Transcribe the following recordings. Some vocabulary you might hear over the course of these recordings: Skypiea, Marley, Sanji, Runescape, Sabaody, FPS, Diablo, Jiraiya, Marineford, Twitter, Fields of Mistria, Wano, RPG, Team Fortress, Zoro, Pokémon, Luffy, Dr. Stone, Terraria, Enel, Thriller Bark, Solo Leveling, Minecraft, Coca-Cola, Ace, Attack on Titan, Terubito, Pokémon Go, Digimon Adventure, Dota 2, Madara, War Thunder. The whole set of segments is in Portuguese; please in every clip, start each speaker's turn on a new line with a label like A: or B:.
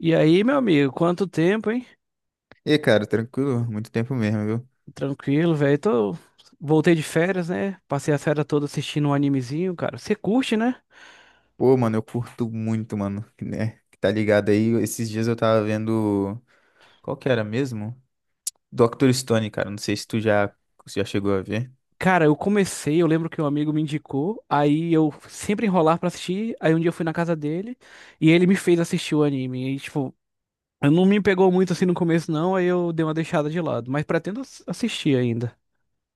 A: E aí, meu amigo, quanto tempo, hein?
B: E, cara, tranquilo? Muito tempo mesmo, viu?
A: Tranquilo, velho. Tô... Voltei de férias, né? Passei a férias toda assistindo um animezinho, cara. Você curte, né?
B: Pô, mano, eu curto muito, mano, né? Que tá ligado aí? Esses dias eu tava vendo. Qual que era mesmo? Dr. Stone, cara. Não sei se tu já chegou a ver.
A: Cara, eu comecei, eu lembro que um amigo me indicou, aí eu sempre enrolar pra assistir, aí um dia eu fui na casa dele e ele me fez assistir o anime. E, tipo, não me pegou muito assim no começo, não, aí eu dei uma deixada de lado, mas pretendo assistir ainda.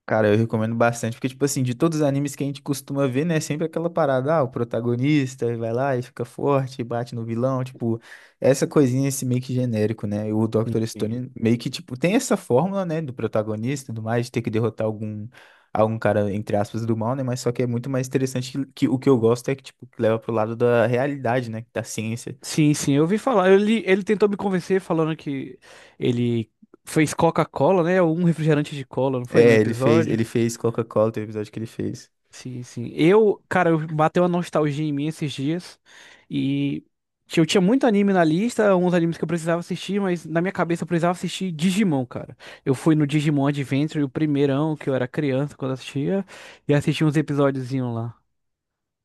B: Cara, eu recomendo bastante, porque, tipo assim, de todos os animes que a gente costuma ver, né, sempre aquela parada, ah, o protagonista vai lá e fica forte, bate no vilão, tipo, essa coisinha, esse meio que genérico, né, e o Dr. Stone meio que, tipo, tem essa fórmula, né, do protagonista e tudo mais, de ter que derrotar algum, cara, entre aspas, do mal, né, mas só que é muito mais interessante que o que eu gosto é que, tipo, que leva pro lado da realidade, né, da ciência.
A: Sim, sim, eu ouvi falar. Ele tentou me convencer falando que ele fez Coca-Cola, né? Um refrigerante de cola, não foi num
B: É, ele fez,
A: episódio?
B: ele fez Coca-Cola, tem o episódio que ele fez.
A: Sim, sim. Eu, cara, eu bateu uma nostalgia em mim esses dias e eu tinha muito anime na lista, uns animes que eu precisava assistir, mas na minha cabeça eu precisava assistir Digimon, cara. Eu fui no Digimon Adventure, o primeirão que eu era criança quando assistia, e assisti uns episódiozinhos lá.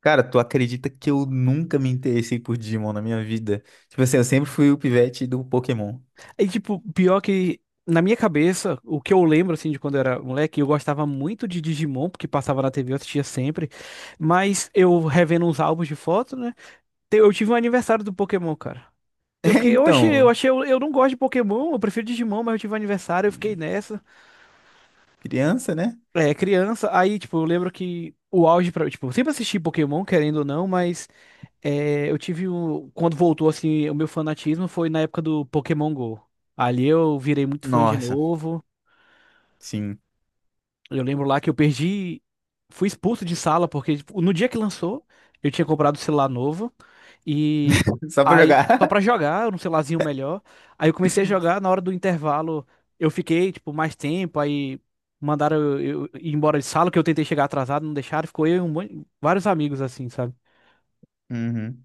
B: Cara, tu acredita que eu nunca me interessei por Digimon na minha vida? Tipo assim, eu sempre fui o pivete do Pokémon.
A: E, tipo, pior que na minha cabeça, o que eu lembro, assim, de quando eu era moleque, eu gostava muito de Digimon, porque passava na TV, eu assistia sempre. Mas eu revendo uns álbuns de foto, né? Eu tive um aniversário do Pokémon, cara. Eu
B: É,
A: fiquei, oxe, eu
B: então,
A: achei, eu não gosto de Pokémon, eu prefiro Digimon, mas eu tive um aniversário, eu fiquei nessa.
B: criança, né?
A: É, criança, aí, tipo, eu lembro que o auge pra, tipo, eu sempre assisti Pokémon, querendo ou não, mas é, eu tive um, quando voltou, assim, o meu fanatismo foi na época do Pokémon Go. Ali eu virei muito fã de
B: Nossa,
A: novo.
B: sim.
A: Eu lembro lá que eu perdi, fui expulso de sala porque tipo, no dia que lançou, eu tinha comprado o celular novo e
B: Só pra
A: aí só pra
B: jogar.
A: jogar, um celularzinho melhor. Aí eu comecei a jogar, na hora do intervalo, eu fiquei tipo mais tempo, aí mandaram eu, ir embora de sala que eu tentei chegar atrasado, não deixaram, ficou eu e um monte, vários amigos assim, sabe?
B: Uhum.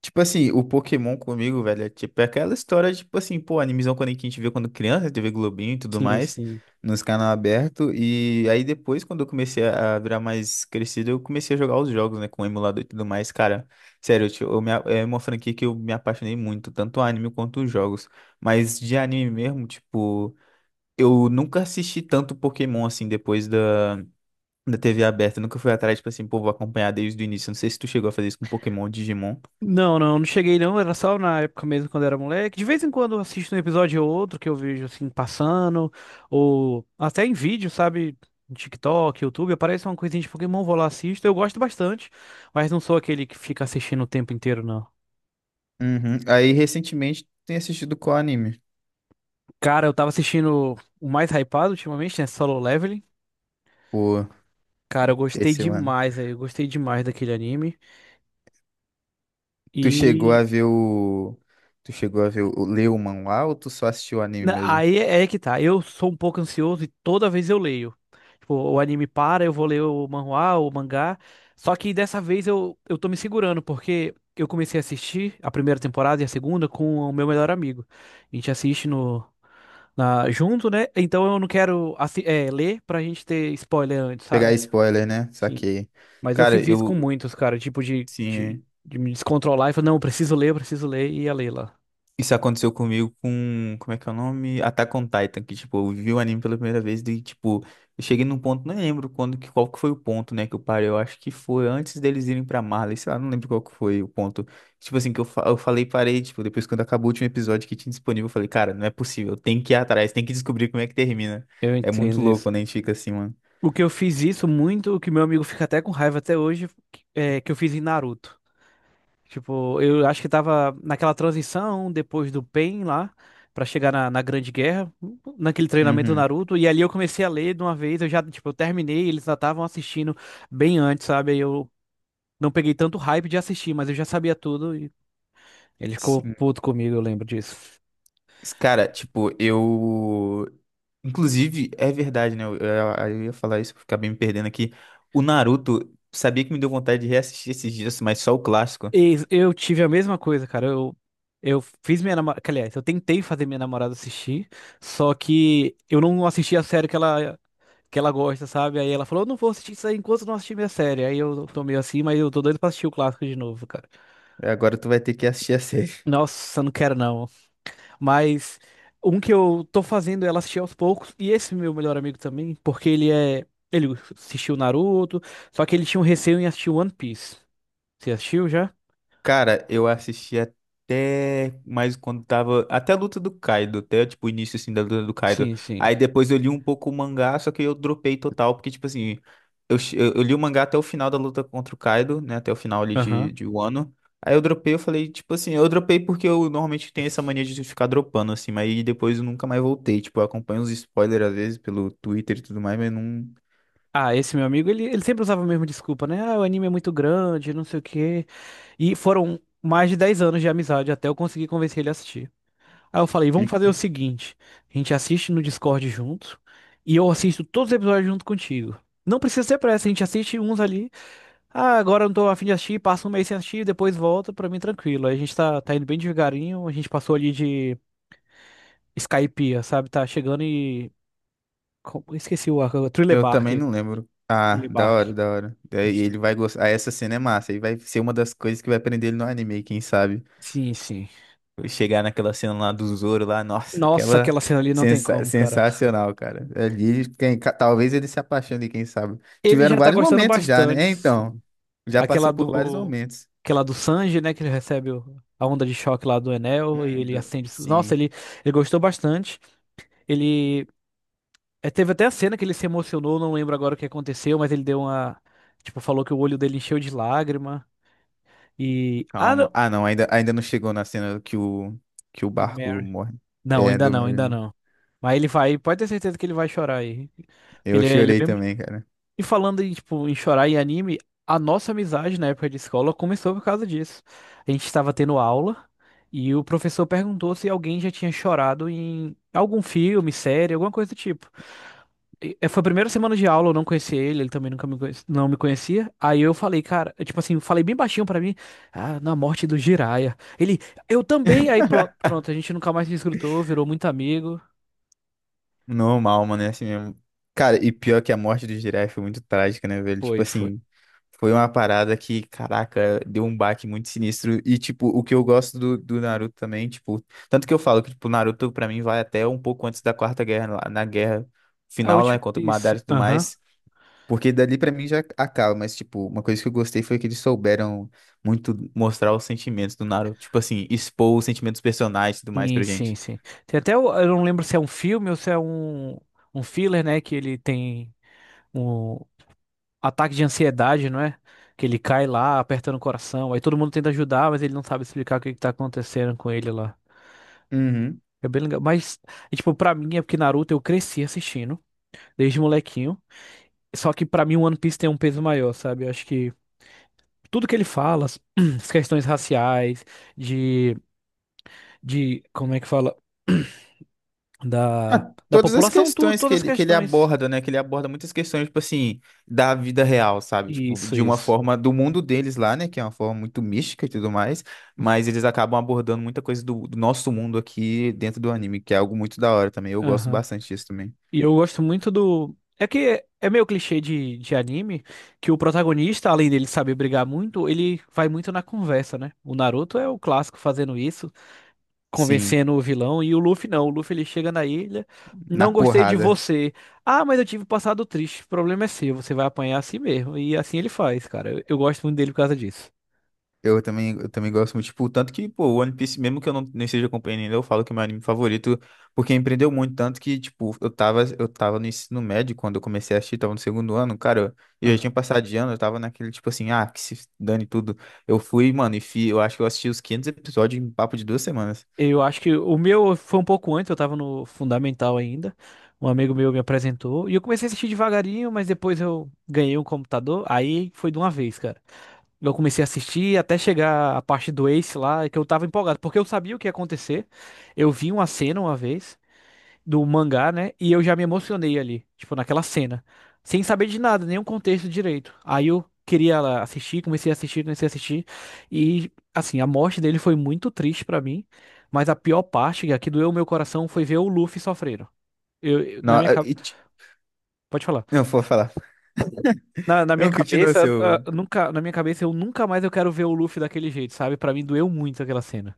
B: Tipo assim, o Pokémon comigo, velho, é tipo é aquela história, tipo assim, pô, animizão quando a gente vê quando criança, tê vê Globinho e tudo
A: Sim,
B: mais,
A: sim.
B: nos canal aberto. E aí depois, quando eu comecei a virar mais crescido, eu comecei a jogar os jogos, né, com o emulador e tudo mais. Cara, sério, eu, te- eu me a- é uma franquia que eu me apaixonei muito, tanto o anime quanto os jogos. Mas de anime mesmo, tipo, eu nunca assisti tanto Pokémon assim depois da TV aberta. Eu nunca fui atrás, tipo assim, pô, vou acompanhar desde o início. Não sei se tu chegou a fazer isso com Pokémon ou Digimon.
A: Não, não, não cheguei não, era só na época mesmo quando era moleque. De vez em quando eu assisto um episódio ou outro que eu vejo assim passando, ou até em vídeo, sabe? No TikTok, YouTube, aparece uma coisinha de Pokémon, vou lá assisto. Eu gosto bastante, mas não sou aquele que fica assistindo o tempo inteiro, não.
B: Uhum. Aí, recentemente, tem assistido qual anime?
A: Cara, eu tava assistindo o mais hypado ultimamente, né? Solo Leveling.
B: Pô,
A: Cara, eu gostei
B: esse ano.
A: demais, aí, eu gostei demais daquele anime.
B: Tu chegou
A: e
B: a ver o. Tu chegou a ver o. Ler o manhwa ou tu só assistiu o anime
A: Na-
B: mesmo?
A: Aí é é que tá. Eu sou um pouco ansioso e toda vez eu leio. Tipo, o anime para, eu vou ler o manhwa, o mangá. Só que dessa vez eu tô me segurando, porque eu comecei a assistir a primeira temporada e a segunda com o meu melhor amigo. A gente assiste no, na, junto, né? Então eu não quero ler pra gente ter spoiler antes,
B: Pegar
A: sabe?
B: spoiler, né?
A: Sim.
B: Saquei.
A: Mas eu
B: Cara,
A: fiz isso com
B: eu.
A: muitos, cara. Tipo, de, de,
B: Sim.
A: de me descontrolar e falar, não, eu preciso ler, e ia ler lá.
B: Isso aconteceu comigo com, como é que é o nome? Attack on Titan, que, tipo, eu vi o anime pela primeira vez e, tipo, eu cheguei num ponto, não lembro quando, que, qual que foi o ponto, né, que eu parei, eu acho que foi antes deles irem pra Marley, sei lá, não lembro qual que foi o ponto, tipo assim, que eu, eu falei, parei, tipo, depois quando acabou o último episódio que tinha disponível, eu falei, cara, não é possível, tem que ir atrás, tem que descobrir como é que termina,
A: Eu
B: é muito
A: entendo
B: louco
A: isso.
B: quando a gente fica assim, mano.
A: O que eu fiz isso muito, o que meu amigo fica até com raiva até hoje, é que eu fiz em Naruto. Tipo, eu acho que tava naquela transição depois do Pain lá, pra chegar na Grande Guerra, naquele treinamento do
B: Uhum.
A: Naruto, e ali eu comecei a ler de uma vez, eu já, tipo, eu terminei, eles já estavam assistindo bem antes, sabe? Aí eu não peguei tanto hype de assistir, mas eu já sabia tudo e ele ficou
B: Sim.
A: puto comigo, eu lembro disso.
B: Cara, tipo, eu. Inclusive, é verdade, né? Eu ia falar isso, acabei me perdendo aqui. O Naruto, sabia que me deu vontade de reassistir esses dias, mas só o clássico.
A: Eu tive a mesma coisa, cara. Eu fiz minha namorada. Aliás, eu tentei fazer minha namorada assistir, só que eu não assisti a série que ela gosta, sabe? Aí ela falou: Eu não vou assistir isso aí enquanto eu não assistir minha série. Aí eu tô meio assim, mas eu tô doido pra assistir o clássico de novo, cara.
B: Agora tu vai ter que assistir a série.
A: Nossa, não quero não. Mas um que eu tô fazendo é ela assistir aos poucos, e esse meu melhor amigo também, porque ele é. Ele assistiu Naruto, só que ele tinha um receio em assistir One Piece. Você assistiu já?
B: Cara, eu assisti até mais quando tava. Até a luta do Kaido, até tipo o início assim da luta do Kaido.
A: Sim, sim.
B: Aí depois eu li um pouco o mangá, só que eu dropei total, porque tipo assim, eu li o mangá até o final da luta contra o Kaido, né? Até o final ali
A: Aham.
B: de, Wano. Aí eu dropei, eu falei, tipo assim, eu dropei porque eu normalmente tenho essa mania de ficar dropando, assim, mas aí depois eu nunca mais voltei. Tipo, eu acompanho os spoilers às vezes pelo Twitter e tudo mais, mas não.
A: Ah, esse meu amigo, ele sempre usava a mesma desculpa, né? Ah, o anime é muito grande, não sei o quê. E foram mais de 10 anos de amizade até eu conseguir convencer ele a assistir. Aí eu falei, vamos fazer o seguinte: a gente assiste no Discord junto e eu assisto todos os episódios junto contigo. Não precisa ter pressa, a gente assiste uns ali. Ah, agora eu não tô afim de assistir, passa um mês sem assistir, depois volta, pra mim tranquilo. Aí a gente tá indo bem devagarinho, a gente passou ali de Skypiea, sabe? Tá chegando e. Esqueci o arco, Thriller
B: Eu
A: Bark.
B: também não lembro. Ah,
A: Thriller
B: da
A: Bark.
B: hora, da hora.
A: A
B: É. E
A: gente tá...
B: ele vai gostar. Ah, essa cena é massa. E vai ser uma das coisas que vai prender ele no anime, quem sabe?
A: Sim, sim.
B: Chegar naquela cena lá do Zoro lá, nossa,
A: Nossa,
B: aquela
A: aquela cena ali não tem como, cara.
B: sensacional, cara. Ali, quem... talvez ele se apaixone, quem sabe?
A: Ele
B: Tiveram
A: já tá
B: vários
A: gostando
B: momentos já, né? É,
A: bastante.
B: então,
A: Sim.
B: já passou
A: Aquela
B: por vários
A: do.
B: momentos.
A: Aquela do Sanji, né? Que ele recebe a onda de choque lá do Enel e ele acende. Nossa,
B: Sim,
A: ele gostou bastante. Ele. É, teve até a cena que ele se emocionou, não lembro agora o que aconteceu, mas ele deu uma. Tipo, falou que o olho dele encheu de lágrima. E. Ah,
B: calma.
A: não.
B: Ah, não, ainda, ainda não chegou na cena que o
A: Do
B: barco
A: Mary.
B: morre.
A: Não,
B: É,
A: ainda
B: do
A: não,
B: Merry,
A: ainda
B: não.
A: não. Mas ele vai, pode ter certeza que ele vai chorar aí. Porque
B: Eu
A: ele, ele
B: chorei
A: é bem.
B: também, cara.
A: E falando em, tipo, em chorar em anime, a nossa amizade na época de escola começou por causa disso. A gente estava tendo aula e o professor perguntou se alguém já tinha chorado em algum filme, série, alguma coisa do tipo. Foi a primeira semana de aula, eu não conhecia ele, ele também nunca me conhece- não me conhecia. Aí eu falei, cara, eu, tipo assim, falei bem baixinho pra mim, ah, na morte do Jiraiya. Ele, eu também. Aí pronto, pronto, a gente nunca mais se escrutou, virou muito amigo.
B: Normal, mano, é assim mesmo. Cara, e pior que a morte do Jiraiya foi muito trágica, né, velho? Tipo
A: Foi, foi.
B: assim, foi uma parada que, caraca, deu um baque muito sinistro. E, tipo, o que eu gosto do, Naruto também, tipo, tanto que eu falo que, tipo, o Naruto, pra mim, vai até um pouco antes da Quarta Guerra, na guerra
A: A
B: final, lá,
A: última,
B: contra o
A: isso.
B: Madara e tudo
A: Aham.
B: mais. Porque dali pra mim já acaba, mas, tipo, uma coisa que eu gostei foi que eles souberam muito mostrar os sentimentos do Naruto. Tipo assim, expor os sentimentos dos personagens e tudo mais
A: Sim,
B: pra
A: sim,
B: gente.
A: sim. Tem até, eu não lembro se é um filme ou se é um filler, né? Que ele tem um ataque de ansiedade, não é? Que ele cai lá, apertando o coração. Aí todo mundo tenta ajudar, mas ele não sabe explicar o que que tá acontecendo com ele lá.
B: Uhum.
A: É bem legal. Mas, é, tipo, pra mim é porque Naruto eu cresci assistindo, desde molequinho. Só que pra mim o One Piece tem um peso maior, sabe? Eu acho que tudo que ele fala, as as questões raciais, de, como é que fala?
B: Ah,
A: Da
B: todas as
A: população, tudo,
B: questões
A: todas as
B: que ele
A: questões
B: aborda, né? Que ele aborda muitas questões, tipo assim, da vida real, sabe? Tipo,
A: Isso,
B: de uma
A: isso.
B: forma do mundo deles lá, né? Que é uma forma muito mística e tudo mais. Mas eles acabam abordando muita coisa do, nosso mundo aqui dentro do anime, que é algo muito da hora também. Eu gosto
A: Aham.
B: bastante disso também.
A: E eu gosto muito do. É que é meio clichê de anime que o protagonista, além dele saber brigar muito, ele vai muito na conversa, né? O Naruto é o clássico fazendo isso,
B: Sim,
A: convencendo o vilão, e o Luffy não. O Luffy ele chega na ilha,
B: na
A: não gostei de
B: porrada.
A: você. Ah, mas eu tive um passado triste. O problema é seu, você vai apanhar assim mesmo. E assim ele faz, cara. Eu gosto muito dele por causa disso.
B: Eu também gosto muito, tipo, tanto que, pô, o One Piece, mesmo que eu não, não esteja acompanhando ainda, eu falo que é meu anime favorito, porque empreendeu muito, tanto que, tipo, eu tava no ensino médio quando eu comecei a assistir, tava no segundo ano, cara, eu já tinha passado de ano, eu tava naquele, tipo assim, ah, que se dane tudo. Eu fui, mano, eu acho que eu assisti os 500 episódios em papo de 2 semanas.
A: Eu acho que o meu foi um pouco antes, eu tava no fundamental ainda. Um amigo meu me apresentou e eu comecei a assistir devagarinho, mas depois eu ganhei um computador, aí foi de uma vez, cara. Eu comecei a assistir até chegar a parte do Ace lá, que eu tava empolgado, porque eu sabia o que ia acontecer. Eu vi uma cena uma vez do mangá, né? E eu já me emocionei ali, tipo, naquela cena, sem saber de nada, nenhum contexto direito. Aí eu queria lá, assistir, comecei a assistir, e assim, a morte dele foi muito triste pra mim, mas a pior parte, a que doeu o meu coração, foi ver o Luffy sofrendo. Na
B: Não,
A: minha cabeça,
B: e, ti-
A: pode falar.
B: não, vou falar.
A: Na minha
B: Não, continua
A: cabeça, ah,
B: seu.
A: nunca, na minha cabeça, eu nunca mais eu quero ver o Luffy daquele jeito, sabe? Pra mim doeu muito aquela cena.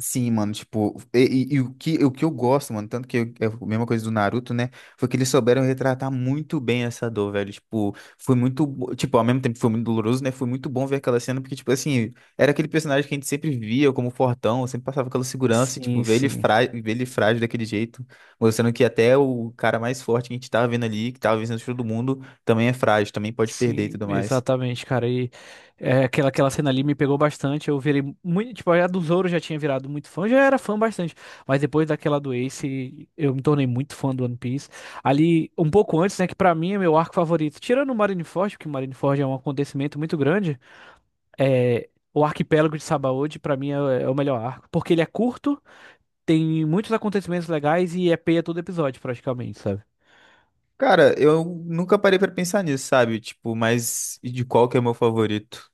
B: Sim, mano, tipo, e o que eu gosto, mano, tanto que é a mesma coisa do Naruto, né? Foi que eles souberam retratar muito bem essa dor, velho. Tipo, foi muito, tipo, ao mesmo tempo que foi muito doloroso, né? Foi muito bom ver aquela cena, porque, tipo, assim, era aquele personagem que a gente sempre via como fortão, sempre passava aquela segurança, e, tipo,
A: Sim, sim.
B: ver ele frágil daquele jeito, mostrando que até o cara mais forte que a gente tava vendo ali, que tava vencendo todo mundo, também é frágil, também pode perder e
A: Sim,
B: tudo mais.
A: exatamente, cara. E é, aquela cena ali me pegou bastante. Eu virei muito. Tipo, a do Zoro eu já tinha virado muito fã, já era fã bastante. Mas depois daquela do Ace, eu me tornei muito fã do One Piece. Ali, um pouco antes, né? Que pra mim é meu arco favorito. Tirando o Marineford, porque o Marineford é um acontecimento muito grande. É, o Arquipélago de Sabaody, pra mim, é o melhor arco. Porque ele é curto, tem muitos acontecimentos legais e é peia todo episódio, praticamente, sabe?
B: Cara, eu nunca parei pra pensar nisso, sabe? Tipo, mas e de qual que é meu favorito?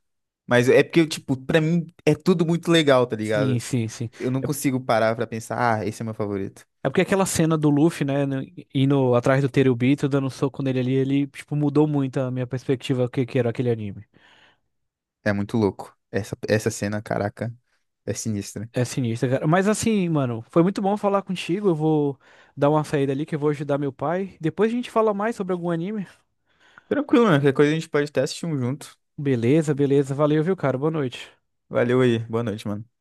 B: Mas é porque, tipo, pra mim é tudo muito legal, tá
A: Sim,
B: ligado?
A: sim, sim.
B: Eu não consigo parar pra pensar, ah, esse é meu favorito.
A: É porque aquela cena do Luffy, né, indo atrás do Terubito, dando um soco nele ali, ele, tipo, mudou muito a minha perspectiva do que era aquele anime.
B: É muito louco. Essa cena, caraca, é sinistra.
A: É sinistro, cara. Mas assim, mano, foi muito bom falar contigo. Eu vou dar uma saída ali que eu vou ajudar meu pai. Depois a gente fala mais sobre algum anime.
B: Tranquilo, mano. Qualquer coisa a gente pode até assistir um junto.
A: Beleza, beleza. Valeu, viu, cara? Boa noite.
B: Valeu aí. Boa noite, mano.